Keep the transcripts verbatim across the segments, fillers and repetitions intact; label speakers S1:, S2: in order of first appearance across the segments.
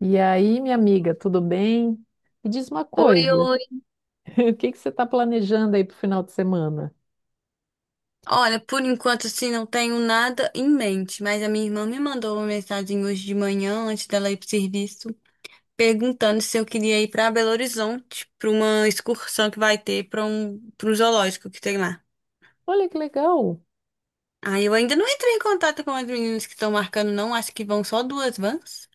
S1: E aí, minha amiga, tudo bem? Me diz uma
S2: Oi,
S1: coisa,
S2: oi.
S1: o que que você está planejando aí para o final de semana?
S2: Olha, por enquanto assim não tenho nada em mente, mas a minha irmã me mandou uma mensagem hoje de manhã, antes dela ir pro serviço, perguntando se eu queria ir pra Belo Horizonte, pra uma excursão que vai ter para um pro zoológico que tem lá.
S1: Olha que legal!
S2: Aí eu ainda não entrei em contato com as meninas que estão marcando, não, acho que vão só duas vans.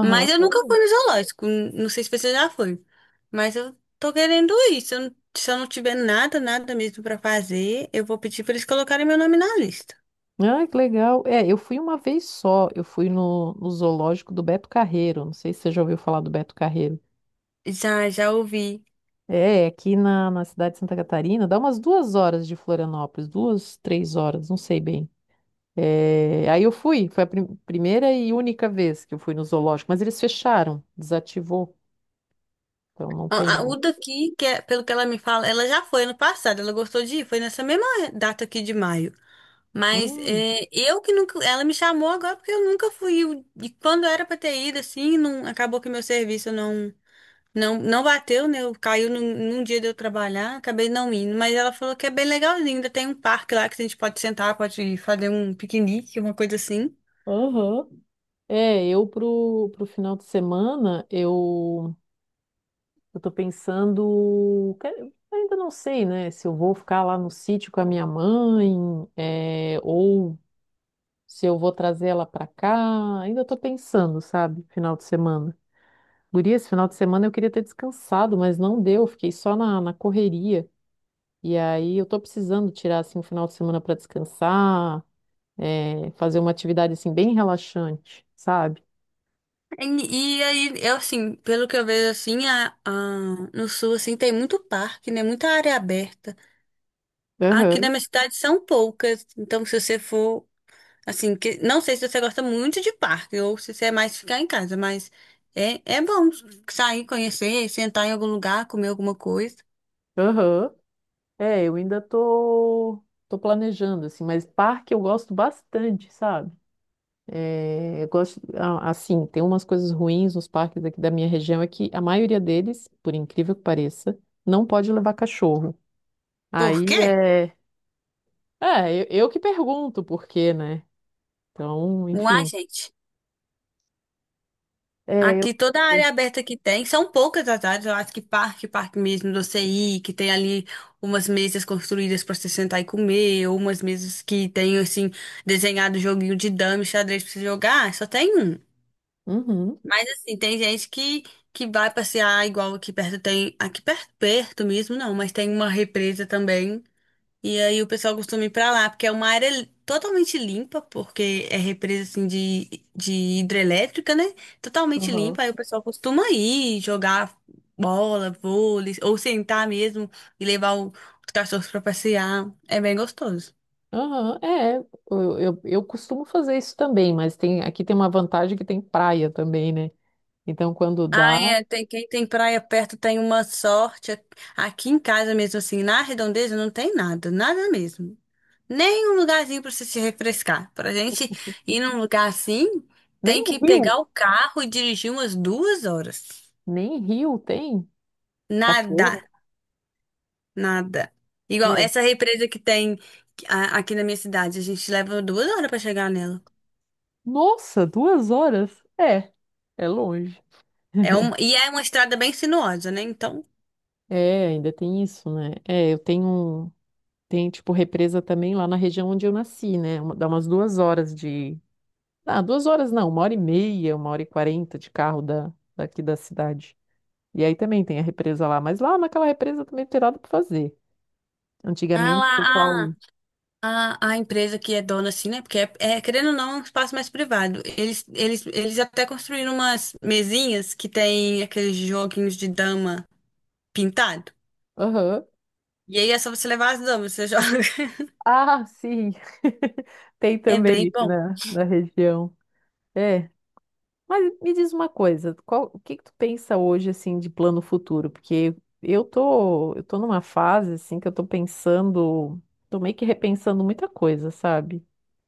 S2: Mas eu nunca
S1: Olha.
S2: fui no zoológico, n- não sei se você já foi, mas eu tô querendo ir. Se eu, não- se eu não tiver nada, nada mesmo pra fazer, eu vou pedir pra eles colocarem meu nome na lista.
S1: Ah, que legal! É, eu fui uma vez só, eu fui no, no zoológico do Beto Carreiro, não sei se você já ouviu falar do Beto Carreiro.
S2: Já, já ouvi.
S1: É, é aqui na, na cidade de Santa Catarina, dá umas duas horas de Florianópolis, duas, três horas, não sei bem. É, aí eu fui, foi a prim- primeira e única vez que eu fui no zoológico, mas eles fecharam, desativou, então não tem
S2: A, a-
S1: mais.
S2: o daqui, que é, pelo que ela me fala, ela já foi ano passado, ela gostou de ir, foi nessa mesma data aqui de maio. Mas
S1: Hum.
S2: é, eu que nunca. Ela me chamou agora porque eu nunca fui. Eu- E quando era pra ter ido, assim, não, acabou que meu serviço não, não, não bateu, né? Eu- Caiu num, num dia de eu trabalhar, acabei não indo. Mas ela falou que é bem legalzinho, ainda tem um parque lá que a gente pode sentar, pode fazer um piquenique, uma coisa assim.
S1: Aham. É, eu pro, pro final de semana, eu, eu tô pensando, quero- ainda não sei, né, se eu vou ficar lá no sítio com a minha mãe, é, ou se eu vou trazer ela pra cá, ainda tô pensando, sabe, final de semana. Guria, esse final de semana eu queria ter descansado, mas não deu, fiquei só na, na correria, e aí eu tô precisando tirar, assim, um final de semana pra descansar, é, fazer uma atividade, assim, bem relaxante, sabe?
S2: E, e aí, eu assim, pelo que eu vejo assim, a, a- no sul assim tem muito parque, né? Muita área aberta. Aqui
S1: Aham,
S2: na minha cidade são poucas. Então, se você for. Assim, que não sei se você gosta muito de parque ou se você é mais ficar em casa, mas é, é bom sair, conhecer, sentar em algum lugar, comer alguma coisa.
S1: aham. É, eu ainda tô, tô, planejando, assim, mas parque eu gosto bastante, sabe? É, eu gosto, a- assim, tem umas coisas ruins nos parques aqui da minha região, é que a maioria deles, por incrível que pareça, não pode levar cachorro.
S2: Por
S1: Aí
S2: quê?
S1: é, é, eu, eu que pergunto por quê, né? Então,
S2: Uai,
S1: enfim.
S2: gente.
S1: É,
S2: Aqui
S1: eu.
S2: toda a área aberta que tem, são poucas as áreas, eu acho que parque, parque mesmo do C I, que tem ali umas mesas construídas para você sentar e comer, ou umas mesas que tem assim desenhado joguinho de dama e xadrez para você jogar, só tem um.
S1: Uhum.
S2: Mas assim, tem gente que, que vai passear igual aqui perto tem, aqui perto, perto mesmo não, mas tem uma represa também. E aí o pessoal costuma ir pra lá, porque é uma área li- totalmente limpa, porque é represa assim de, de hidrelétrica, né? Totalmente
S1: Uhum.
S2: limpa, aí o pessoal costuma ir jogar bola, vôlei, ou sentar mesmo e levar o- os cachorros pra passear. É bem gostoso.
S1: Aham, é, eu, eu, eu costumo fazer isso também, mas tem aqui tem uma vantagem que tem praia também, né? Então quando
S2: Ah,
S1: dá,
S2: é, tem, quem tem praia perto tem uma sorte. Aqui em casa mesmo, assim, na redondeza não tem nada, nada mesmo. Nem um lugarzinho pra você se refrescar. Pra gente ir num lugar assim,
S1: nem
S2: tem
S1: o
S2: que
S1: rio,
S2: pegar o carro e dirigir umas duas horas.
S1: nem rio tem
S2: Nada,
S1: cachoeira.
S2: nada. Igual
S1: É.
S2: essa represa que tem a- aqui na minha cidade, a gente leva duas horas pra chegar nela.
S1: Nossa, duas horas? É, é longe.
S2: É uma, e é uma estrada bem sinuosa, né? Então,
S1: É, ainda tem isso, né? É, eu tenho um- tem tipo represa também lá na região onde eu nasci, né? Uma- Dá umas duas horas de, ah, duas horas não, uma hora e meia, uma hora e quarenta de carro da daqui da cidade. E aí também tem a represa lá, mas lá naquela represa também não tem nada para fazer.
S2: ah
S1: Antigamente, o pessoal.
S2: lá, A, a empresa que é dona, assim, né? Porque, é, é, querendo ou não, é um espaço mais privado. Eles, eles, eles até construíram umas mesinhas que tem aqueles joguinhos de dama pintado.
S1: Aham.
S2: E aí é só você levar as damas, você joga.
S1: Ah, sim. Tem
S2: É
S1: também
S2: bem
S1: aqui
S2: bom.
S1: na, na região. É. Mas me diz uma coisa, qual, o que que tu pensa hoje assim de plano futuro? Porque eu tô, eu tô numa fase assim que eu tô pensando, tô meio que repensando muita coisa, sabe?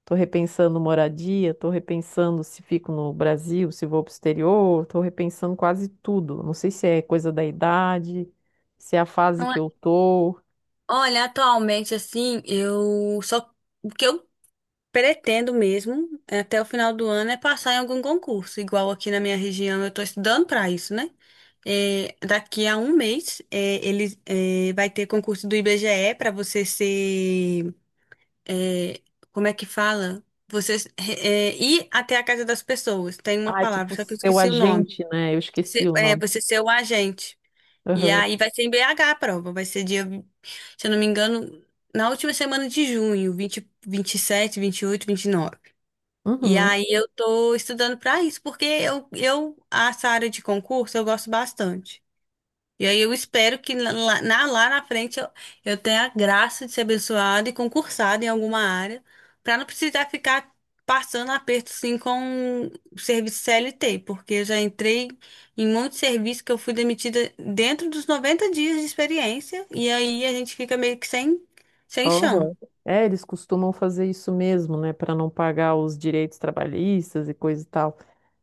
S1: Estou repensando moradia, estou repensando se fico no Brasil, se vou para o exterior, estou repensando quase tudo. Não sei se é coisa da idade, se é a fase
S2: Então,
S1: que
S2: é-
S1: eu tô.
S2: Olha, atualmente, assim, eu só. Porque eu pretendo mesmo, até o final do ano, é passar em algum concurso, igual aqui na minha região, eu estou estudando para isso, né? É, daqui a um mês, é, ele é, vai ter concurso do I B G E para você ser, é, como é que fala? Você é, ir até a casa das pessoas. Tem uma
S1: Ah, é
S2: palavra,
S1: tipo
S2: só que eu
S1: seu
S2: esqueci o nome.
S1: agente, né? Eu esqueci
S2: Ser-
S1: o
S2: é,
S1: nome.
S2: você ser o agente. E
S1: Aham.
S2: aí vai ser em B H a prova, vai ser dia, se eu não me engano, na última semana de junho, vinte, vinte, vinte e e sete, vinte e oito, vinte e nove, e
S1: Uhum.
S2: aí eu tô estudando para isso, porque eu, eu essa área de concurso eu gosto bastante. E aí eu espero que lá, na, lá na frente eu, eu tenha a graça de ser abençoada e concursada em alguma área, para não precisar ficar passando aperto assim com serviço C L T, porque eu já entrei em muito serviço que eu fui demitida dentro dos noventa dias de experiência, e aí a gente fica meio que sem, sem chão.
S1: Aham. É, eles costumam fazer isso mesmo, né? Para não pagar os direitos trabalhistas e coisa e tal.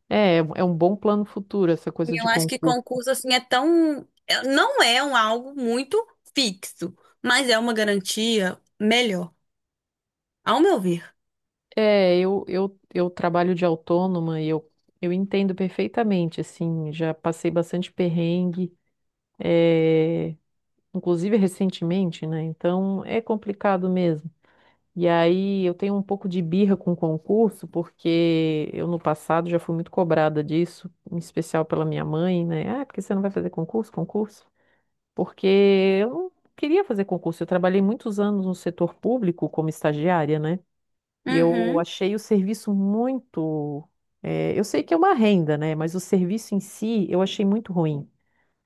S1: É, é um é um bom plano futuro essa
S2: E
S1: coisa de
S2: eu acho que
S1: concurso.
S2: concurso assim é tão, é- não é um algo muito fixo, mas é uma garantia melhor, ao meu ver.
S1: É, eu, eu, eu trabalho de autônoma e eu, eu entendo perfeitamente, assim, já passei bastante perrengue, é, inclusive recentemente, né? Então é complicado mesmo. E aí eu tenho um pouco de birra com o concurso, porque eu no passado já fui muito cobrada disso, em especial pela minha mãe, né? Ah, porque você não vai fazer concurso? Concurso? Porque eu não queria fazer concurso, eu trabalhei muitos anos no setor público como estagiária, né? E eu
S2: Uhum.
S1: achei o serviço muito. eh, eu sei que é uma renda, né? Mas o serviço em si eu achei muito ruim.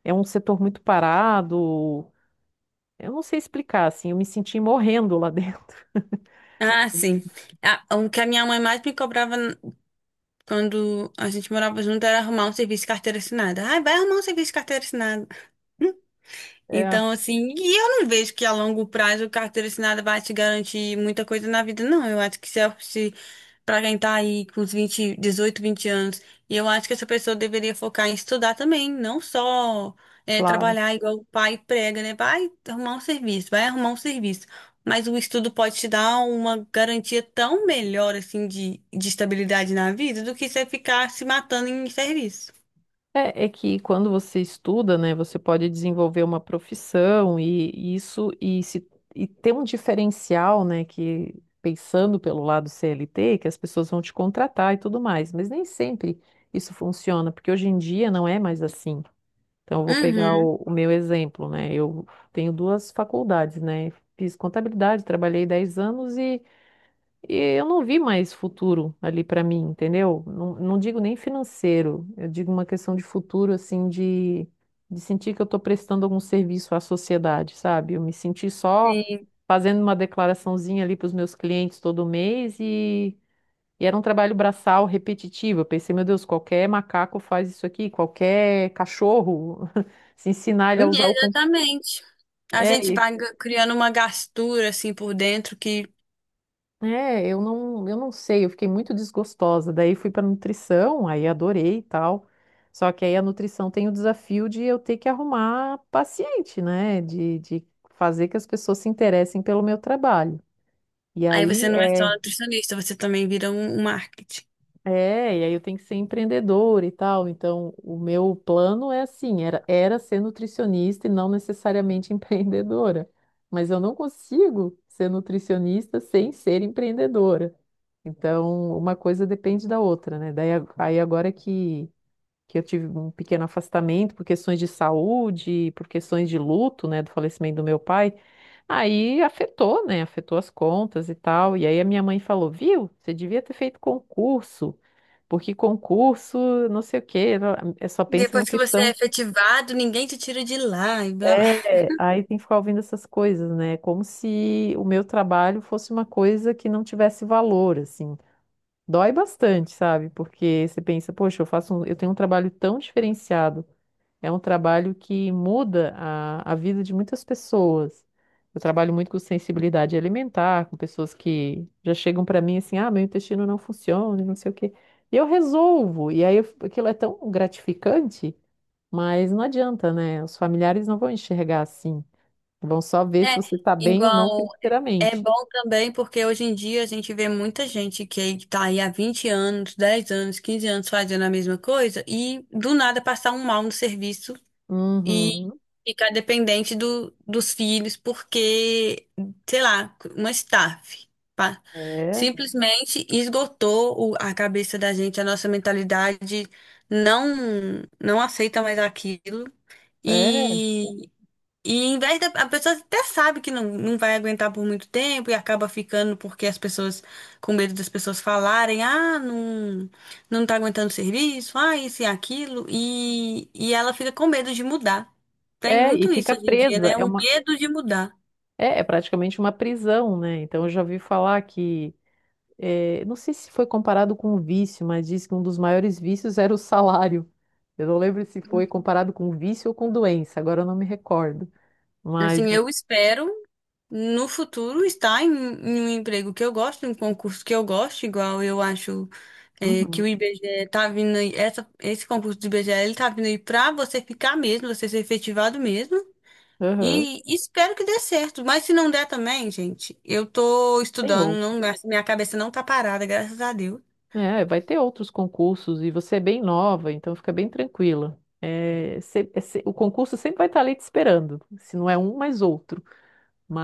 S1: É um setor muito parado. Eu não sei explicar, assim, eu me senti morrendo lá dentro.
S2: Ah, sim. Ah, o que a minha mãe mais me cobrava n- quando a gente morava junto era arrumar um serviço de carteira assinada. Ai, vai arrumar um serviço de carteira assinada.
S1: É,
S2: Então, assim, e eu não vejo que a longo prazo o carteira assinada vai te garantir muita coisa na vida, não. Eu acho que se, se para quem tá aí com os vinte, dezoito, vinte anos, e eu acho que essa pessoa deveria focar em estudar também, não só é,
S1: claro.
S2: trabalhar igual o pai prega, né? Vai arrumar um serviço, vai arrumar um serviço. Mas o estudo pode te dar uma garantia tão melhor, assim, de, de estabilidade na vida do que você ficar se matando em serviço.
S1: É, é que quando você estuda, né, você pode desenvolver uma profissão e, e isso e, se, e ter um diferencial, né, que pensando pelo lado C L T, que as pessoas vão te contratar e tudo mais, mas nem sempre isso funciona, porque hoje em dia não é mais assim. Então, eu vou pegar
S2: Uhum.
S1: o, o meu exemplo, né? Eu tenho duas faculdades, né? Fiz contabilidade, trabalhei dez anos e, e, eu não vi mais futuro ali para mim, entendeu? Não, não digo nem financeiro, eu digo uma questão de futuro, assim, de, de sentir que eu estou prestando algum serviço à sociedade, sabe? Eu me senti só
S2: Sim.
S1: fazendo uma declaraçãozinha ali para os meus clientes todo mês e e era um trabalho braçal repetitivo. Eu pensei, meu Deus, qualquer macaco faz isso aqui, qualquer cachorro, se ensinar ele a usar o computador.
S2: Exatamente. A
S1: É,
S2: gente
S1: e-
S2: vai g- criando uma gastura assim por dentro que
S1: é, eu não, eu não sei, eu fiquei muito desgostosa. Daí fui para nutrição, aí adorei e tal. Só que aí a nutrição tem o desafio de eu ter que arrumar paciente, né? De, de, fazer que as pessoas se interessem pelo meu trabalho. E
S2: aí você
S1: aí,
S2: não é só
S1: é,
S2: nutricionista, você também vira um, um marketing.
S1: É, e aí eu tenho que ser empreendedor e tal. Então, o meu plano é assim, era, era, ser nutricionista e não necessariamente empreendedora. Mas eu não consigo ser nutricionista sem ser empreendedora. Então, uma coisa depende da outra, né? Daí, a- aí agora que que eu tive um pequeno afastamento por questões de saúde, por questões de luto, né, do falecimento do meu pai. Aí afetou, né? Afetou as contas e tal. E aí a minha mãe falou: Viu, você devia ter feito concurso, porque concurso, não sei o quê, é só pensa
S2: Depois
S1: na
S2: que você é
S1: questão.
S2: efetivado, ninguém te tira de lá e blá blá.
S1: É, aí tem que ficar ouvindo essas coisas, né? Como se o meu trabalho fosse uma coisa que não tivesse valor, assim. Dói bastante, sabe? Porque você pensa, poxa, eu faço um- eu tenho um trabalho tão diferenciado. É um trabalho que muda a, a vida de muitas pessoas. Eu trabalho muito com sensibilidade alimentar, com pessoas que já chegam para mim assim, ah, meu intestino não funciona, não sei o quê. E eu resolvo. E aí eu- aquilo é tão gratificante, mas não adianta, né? Os familiares não vão enxergar assim. Vão só ver se
S2: É
S1: você está bem ou não
S2: igual é
S1: financeiramente.
S2: bom também porque hoje em dia a gente vê muita gente que aí tá aí há vinte anos, dez anos, quinze anos fazendo a mesma coisa e do nada passar um mal no serviço e
S1: Uhum.
S2: ficar dependente do, dos filhos, porque, sei lá, uma staff, pá.
S1: É,
S2: Simplesmente esgotou o- a cabeça da gente, a nossa mentalidade não não aceita mais aquilo.
S1: é,
S2: E e em vez da, a pessoa até sabe que não, não vai aguentar por muito tempo e acaba ficando porque as pessoas, com medo das pessoas falarem, ah, não, não tá aguentando o serviço, ah, isso e aquilo, e, e ela fica com medo de mudar. Tem
S1: é, e
S2: muito isso
S1: fica
S2: hoje em dia,
S1: presa.
S2: né?
S1: É
S2: Um
S1: uma,
S2: medo de mudar.
S1: é, é praticamente uma prisão, né? Então eu já ouvi falar que eh, não sei se foi comparado com um vício, mas diz que um dos maiores vícios era o salário. Eu não lembro se foi comparado com vício ou com doença, agora eu não me recordo. Mas,
S2: Assim, eu espero no futuro estar em, em um emprego que eu gosto, em um concurso que eu gosto, igual eu acho é, que o
S1: uhum,
S2: I B G E tá vindo aí, essa, esse concurso do I B G E, ele tá vindo aí pra você ficar mesmo, você ser efetivado mesmo.
S1: aham,
S2: E espero que dê certo. Mas se não der também, gente, eu tô
S1: tem
S2: estudando,
S1: outro.
S2: não, minha cabeça não tá parada, graças a Deus.
S1: É, vai ter outros concursos e você é bem nova, então fica bem tranquila. É, se- é se- o concurso sempre vai estar ali te esperando, se não é um, mais outro.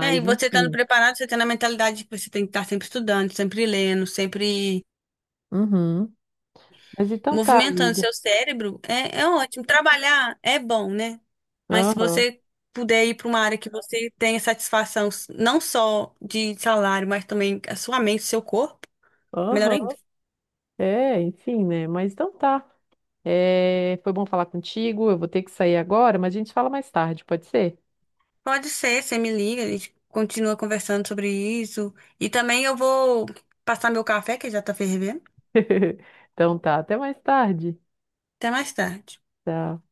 S2: É, e você estando
S1: enfim.
S2: preparado, você tendo a mentalidade de que você tem que estar sempre estudando, sempre lendo, sempre
S1: Uhum. Mas então tá,
S2: movimentando
S1: amigo.
S2: seu cérebro é, é ótimo. Trabalhar é bom, né? Mas se
S1: Aham,
S2: você puder ir para uma área que você tenha satisfação, não só de salário, mas também a sua mente, seu corpo, melhor
S1: aham.
S2: ainda.
S1: É, enfim, né? Mas então tá. É, foi bom falar contigo. Eu vou ter que sair agora, mas a gente fala mais tarde, pode ser?
S2: Pode ser, você me liga, a gente continua conversando sobre isso. E também eu vou passar meu café, que já tá fervendo.
S1: Então tá, até mais tarde.
S2: Até mais tarde.
S1: Tchau.